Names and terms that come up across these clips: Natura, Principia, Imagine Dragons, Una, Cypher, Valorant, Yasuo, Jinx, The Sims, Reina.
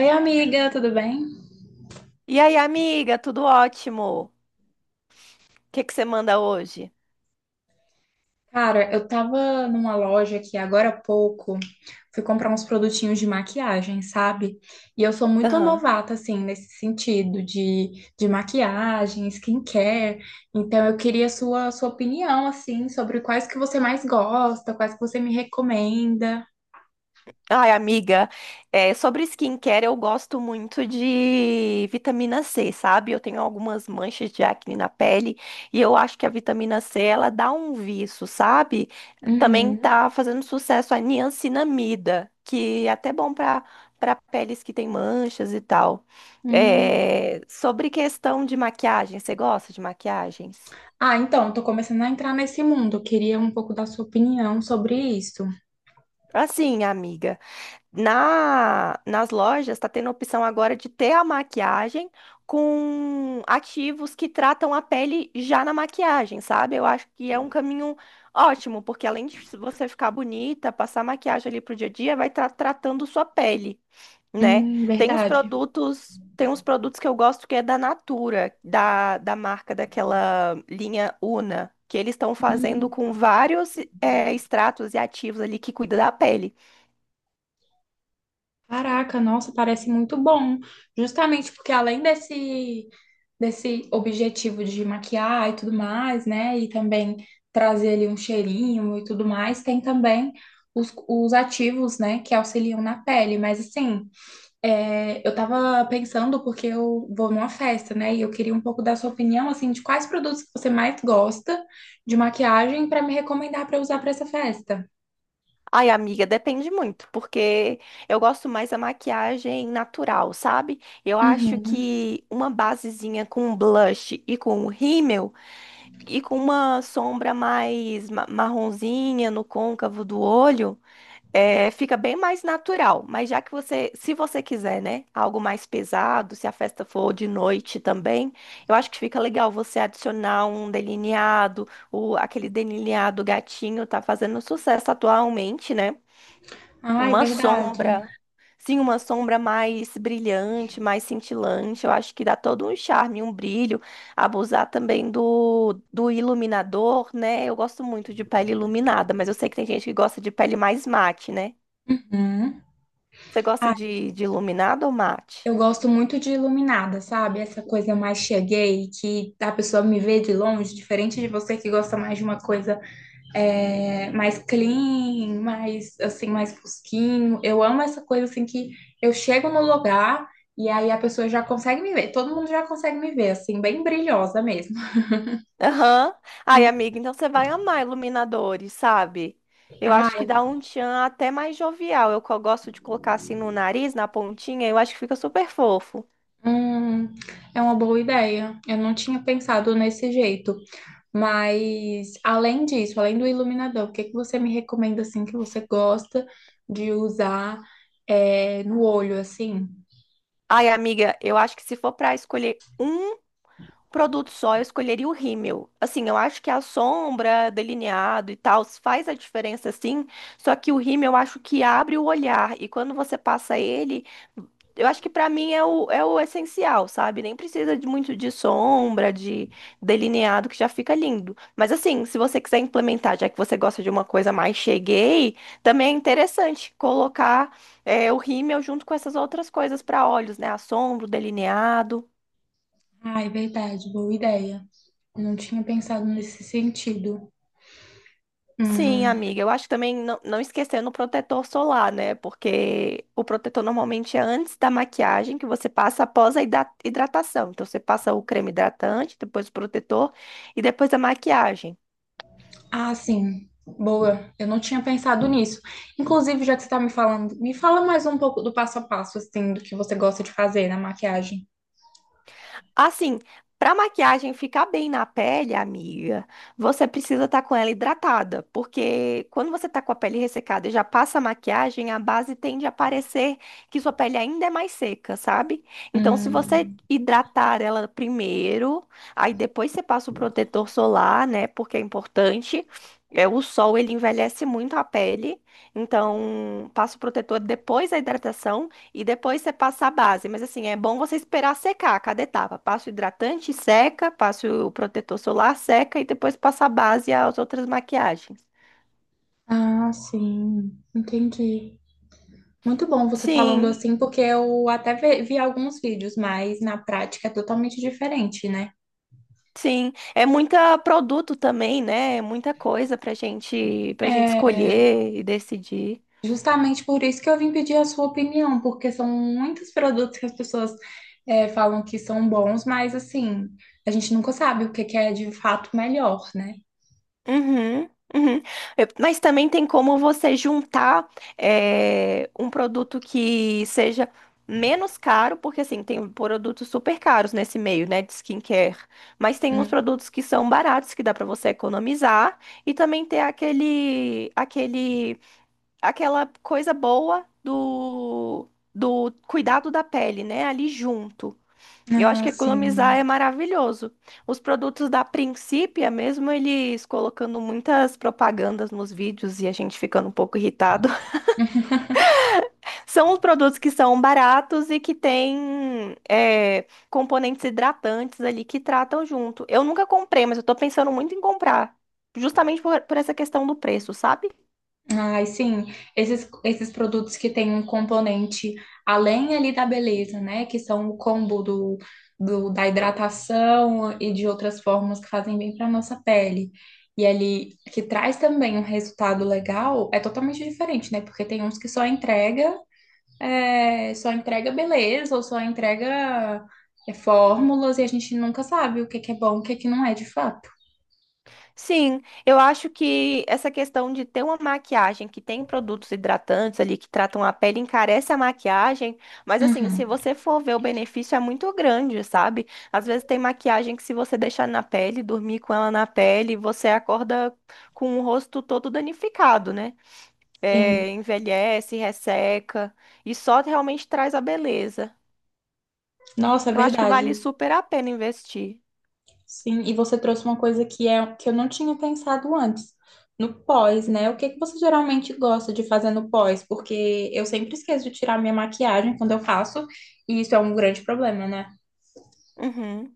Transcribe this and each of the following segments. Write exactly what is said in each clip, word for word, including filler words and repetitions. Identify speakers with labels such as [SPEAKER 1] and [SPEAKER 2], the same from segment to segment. [SPEAKER 1] Oi, amiga, tudo bem?
[SPEAKER 2] E aí, amiga, tudo ótimo? O que que você manda hoje?
[SPEAKER 1] Cara, eu tava numa loja aqui agora há pouco, fui comprar uns produtinhos de maquiagem, sabe? E eu sou muito
[SPEAKER 2] Aham.
[SPEAKER 1] novata, assim, nesse sentido de, de maquiagem, skincare. Então, eu queria sua, sua opinião, assim, sobre quais que você mais gosta, quais que você me recomenda.
[SPEAKER 2] Ai, amiga, é, sobre skincare, eu gosto muito de vitamina C, sabe? Eu tenho algumas manchas de acne na pele e eu acho que a vitamina C, ela dá um viço, sabe? Também
[SPEAKER 1] Uhum.
[SPEAKER 2] tá fazendo sucesso a niacinamida, que é até bom para para peles que têm manchas e tal.
[SPEAKER 1] Hum.
[SPEAKER 2] É, sobre questão de maquiagem, você gosta de maquiagens?
[SPEAKER 1] Ah, então, tô começando a entrar nesse mundo. Eu queria um pouco da sua opinião sobre isso.
[SPEAKER 2] Assim, amiga. Na, nas lojas está tendo a opção agora de ter a maquiagem com ativos que tratam a pele já na maquiagem, sabe? Eu acho que é um caminho ótimo, porque além de você ficar bonita, passar maquiagem ali pro dia a dia, vai estar tratando sua pele, né?
[SPEAKER 1] Hum,
[SPEAKER 2] Tem uns
[SPEAKER 1] verdade.
[SPEAKER 2] produtos, tem uns produtos que eu gosto que é da Natura, da, da marca daquela linha Una, que eles estão fazendo com vários eh, extratos e ativos ali que cuida da pele.
[SPEAKER 1] Caraca, nossa, parece muito bom. Justamente porque além desse, desse objetivo de maquiar e tudo mais, né? E também trazer ali um cheirinho e tudo mais, tem também os, os ativos, né, que auxiliam na pele. Mas assim, é, eu tava pensando porque eu vou numa festa, né? E eu queria um pouco da sua opinião, assim, de quais produtos que você mais gosta de maquiagem para me recomendar para usar para essa festa.
[SPEAKER 2] Ai, amiga, depende muito, porque eu gosto mais da maquiagem natural, sabe? Eu acho
[SPEAKER 1] Uhum.
[SPEAKER 2] que uma basezinha com blush e com um rímel e com uma sombra mais ma- marronzinha no côncavo do olho, é, fica bem mais natural. Mas já que você, se você quiser, né, algo mais pesado, se a festa for de noite também, eu acho que fica legal você adicionar um delineado, o, aquele delineado gatinho tá fazendo sucesso atualmente, né?
[SPEAKER 1] Ai,
[SPEAKER 2] Uma
[SPEAKER 1] verdade.
[SPEAKER 2] sombra. Sim, uma sombra mais brilhante, mais cintilante. Eu acho que dá todo um charme, um brilho. Abusar também do, do iluminador, né? Eu gosto muito de pele iluminada, mas eu sei que tem gente que gosta de pele mais mate, né?
[SPEAKER 1] Uhum.
[SPEAKER 2] Você gosta de, de iluminado ou mate?
[SPEAKER 1] Eu gosto muito de iluminada, sabe? Essa coisa mais cheguei, que a pessoa me vê de longe, diferente de você que gosta mais de uma coisa é, mais clean, mais assim, mais fosquinho. Eu amo essa coisa assim que eu chego no lugar e aí a pessoa já consegue me ver. Todo mundo já consegue me ver, assim, bem brilhosa mesmo.
[SPEAKER 2] Aham. Ai, amiga, então você vai amar iluminadores, sabe? Eu acho que
[SPEAKER 1] Ah,
[SPEAKER 2] dá um tchan até mais jovial. Eu co- gosto de colocar assim no nariz, na pontinha, eu acho que fica super fofo.
[SPEAKER 1] hum, é uma boa ideia. Eu não tinha pensado nesse jeito. Mas além disso, além do iluminador, o que que você me recomenda assim que você gosta de usar é, no olho assim?
[SPEAKER 2] Ai, amiga, eu acho que se for para escolher um produto só, eu escolheria o rímel. Assim, eu acho que a sombra, delineado e tal, faz a diferença sim, só que o rímel eu acho que abre o olhar e quando você passa ele, eu acho que pra mim é o, é o essencial, sabe? Nem precisa de muito de sombra, de delineado, que já fica lindo. Mas assim, se você quiser implementar, já que você gosta de uma coisa mais cheguei, também é interessante colocar é, o rímel junto com essas outras coisas pra olhos, né? A sombra, o delineado.
[SPEAKER 1] Ah, é verdade, boa ideia. Não tinha pensado nesse sentido.
[SPEAKER 2] Sim,
[SPEAKER 1] Hum.
[SPEAKER 2] amiga, eu acho que também não, não esquecendo o protetor solar, né? Porque o protetor normalmente é antes da maquiagem que você passa após a hidra- hidratação. Então você passa o creme hidratante, depois o protetor e depois a maquiagem.
[SPEAKER 1] Ah, sim. Boa, eu não tinha pensado nisso. Inclusive, já que você está me falando, me fala mais um pouco do passo a passo, assim, do que você gosta de fazer na maquiagem.
[SPEAKER 2] Assim, para maquiagem ficar bem na pele, amiga, você precisa estar com ela hidratada, porque quando você tá com a pele ressecada e já passa a maquiagem, a base tende a parecer que sua pele ainda é mais seca, sabe? Então, se você
[SPEAKER 1] Hum.
[SPEAKER 2] hidratar ela primeiro, aí depois você passa o protetor solar, né? Porque é importante. É, o sol, ele envelhece muito a pele, então passa o protetor depois da hidratação. E depois você passa a base. Mas assim, é bom você esperar secar cada etapa. Passa o hidratante, seca, passa o protetor solar, seca e depois passa a base e as outras maquiagens.
[SPEAKER 1] Ah, sim, entendi. Muito bom você falando
[SPEAKER 2] Sim,
[SPEAKER 1] assim, porque eu até ve- vi alguns vídeos, mas na prática é totalmente diferente, né?
[SPEAKER 2] sim. É muito produto também, né? É muita coisa pra gente, pra gente
[SPEAKER 1] É
[SPEAKER 2] escolher e decidir.
[SPEAKER 1] justamente por isso que eu vim pedir a sua opinião, porque são muitos produtos que as pessoas é, falam que são bons, mas assim, a gente nunca sabe o que que é de fato melhor, né?
[SPEAKER 2] Uhum, uhum. Eu- Mas também tem como você juntar eh, um produto que seja menos caro, porque assim, tem produtos super caros nesse meio, né, de skincare. Mas tem uns
[SPEAKER 1] Hum.
[SPEAKER 2] produtos que são baratos, que dá pra você economizar, e também ter aquele, aquele, aquela coisa boa do, do cuidado da pele, né, ali junto. Eu acho
[SPEAKER 1] Ah,
[SPEAKER 2] que economizar é
[SPEAKER 1] sim.
[SPEAKER 2] maravilhoso. Os produtos da Principia, mesmo eles colocando muitas propagandas nos vídeos e a gente ficando um pouco irritado, são os produtos que são baratos e que têm é, componentes hidratantes ali que tratam junto. Eu nunca comprei, mas eu tô pensando muito em comprar, justamente por, por essa questão do preço, sabe?
[SPEAKER 1] Ai, sim, esses, esses produtos que têm um componente além ali da beleza, né? Que são o combo do, do- da hidratação e de outras formas que fazem bem para nossa pele. E ali que traz também um resultado legal, é totalmente diferente, né? Porque tem uns que só entrega, é, só entrega beleza ou só entrega é, fórmulas e a gente nunca sabe o que que é bom, o que que não é de fato.
[SPEAKER 2] Sim, eu acho que essa questão de ter uma maquiagem que tem produtos hidratantes ali que tratam a pele encarece a maquiagem, mas assim, se
[SPEAKER 1] Uhum.
[SPEAKER 2] você for ver o benefício é muito grande, sabe? Às vezes tem maquiagem que se você deixar na pele, dormir com ela na pele, você acorda com o rosto todo danificado, né?
[SPEAKER 1] Sim,
[SPEAKER 2] É, envelhece, resseca e só realmente traz a beleza.
[SPEAKER 1] nossa, é
[SPEAKER 2] Eu acho que vale
[SPEAKER 1] verdade.
[SPEAKER 2] super a pena investir.
[SPEAKER 1] Sim, e você trouxe uma coisa que é que eu não tinha pensado antes. No pós, né? O que que você geralmente gosta de fazer no pós? Porque eu sempre esqueço de tirar minha maquiagem quando eu faço, e isso é um grande problema, né?
[SPEAKER 2] Uhum.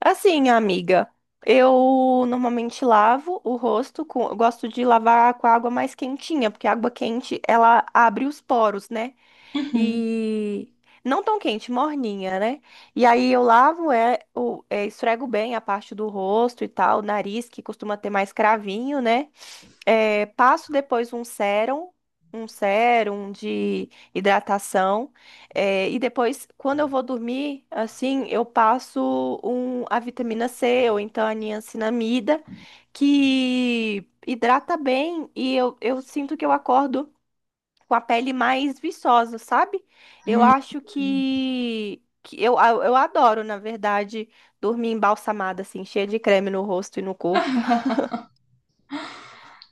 [SPEAKER 2] Assim, amiga, eu normalmente lavo o rosto com, eu gosto de lavar com a água mais quentinha, porque a água quente ela abre os poros, né?
[SPEAKER 1] Uhum.
[SPEAKER 2] E não tão quente, morninha, né? E aí eu lavo, é, o- é, esfrego bem a parte do rosto e tal, nariz, que costuma ter mais cravinho, né? É, passo depois um sérum, um sérum de hidratação. É, e depois, quando eu vou dormir, assim, eu passo um, a vitamina C ou então a niacinamida, que hidrata bem e eu, eu sinto que eu acordo com a pele mais viçosa, sabe? Eu
[SPEAKER 1] Hum.
[SPEAKER 2] acho que, que eu, a- eu adoro, na verdade, dormir embalsamada, assim, cheia de creme no rosto e no corpo.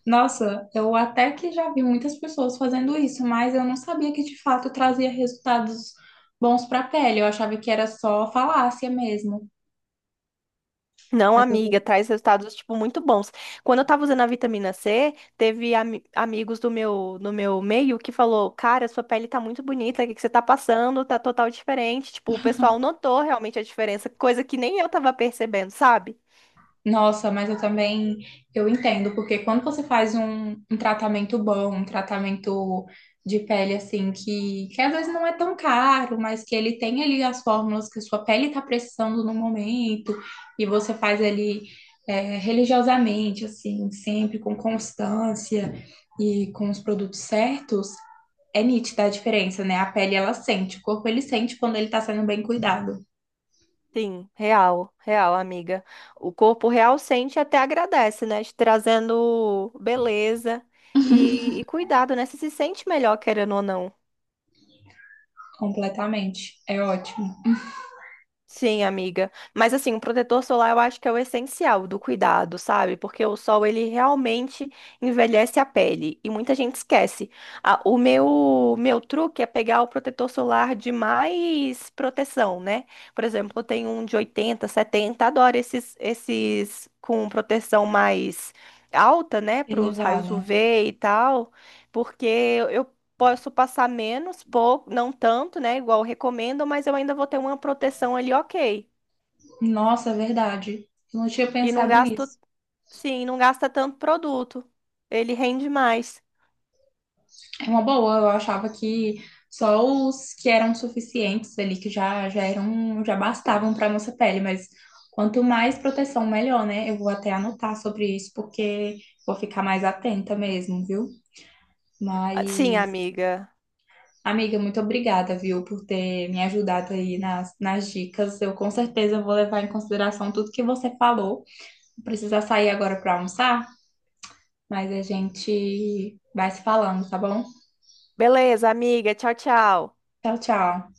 [SPEAKER 1] Nossa, eu até que já vi muitas pessoas fazendo isso, mas eu não sabia que de fato trazia resultados bons para a pele. Eu achava que era só falácia mesmo.
[SPEAKER 2] Não, amiga, traz resultados, tipo, muito bons. Quando eu tava usando a vitamina C, teve ami- amigos do meu, no meu meio que falou, cara, sua pele tá muito bonita, o que que você tá passando? Tá total diferente. Tipo, o pessoal notou realmente a diferença, coisa que nem eu tava percebendo, sabe?
[SPEAKER 1] Nossa, mas eu também eu entendo, porque quando você faz um, um tratamento bom, um tratamento de pele assim, que, que às vezes não é tão caro, mas que ele tem ali as fórmulas que sua pele está precisando no momento, e você faz ali é, religiosamente, assim, sempre com constância e com os produtos certos, é nítida a diferença, né? A pele ela sente, o corpo ele sente quando ele está sendo bem cuidado,
[SPEAKER 2] Sim, real, real, amiga. O corpo real sente e até agradece, né? Te trazendo beleza e, e cuidado, né? Você se sente melhor, querendo ou não.
[SPEAKER 1] completamente. É ótimo.
[SPEAKER 2] Sim, amiga. Mas assim, o protetor solar eu acho que é o essencial do cuidado, sabe? Porque o sol ele realmente envelhece a pele e muita gente esquece. Ah, o meu meu truque é pegar o protetor solar de mais proteção, né? Por exemplo, eu tenho um de oitenta, setenta, adoro esses esses com proteção mais alta, né, para os raios
[SPEAKER 1] Elevada.
[SPEAKER 2] U V e tal, porque eu posso passar menos, pouco, não tanto, né? Igual recomendam, mas eu ainda vou ter uma proteção ali, ok.
[SPEAKER 1] Nossa, é verdade. Eu não tinha
[SPEAKER 2] E não
[SPEAKER 1] pensado
[SPEAKER 2] gasto,
[SPEAKER 1] nisso.
[SPEAKER 2] sim, não gasta tanto produto. Ele rende mais.
[SPEAKER 1] É uma boa, eu achava que só os que eram suficientes ali, que já, já eram, já bastavam para nossa pele, mas quanto mais proteção, melhor, né? Eu vou até anotar sobre isso, porque vou ficar mais atenta mesmo, viu?
[SPEAKER 2] Ah, sim,
[SPEAKER 1] Mas,
[SPEAKER 2] amiga.
[SPEAKER 1] amiga, muito obrigada, viu, por ter me ajudado aí nas, nas dicas. Eu com certeza vou levar em consideração tudo que você falou. Precisa sair agora para almoçar, mas a gente vai se falando, tá bom?
[SPEAKER 2] Beleza, amiga. Tchau, tchau.
[SPEAKER 1] Tchau, tchau.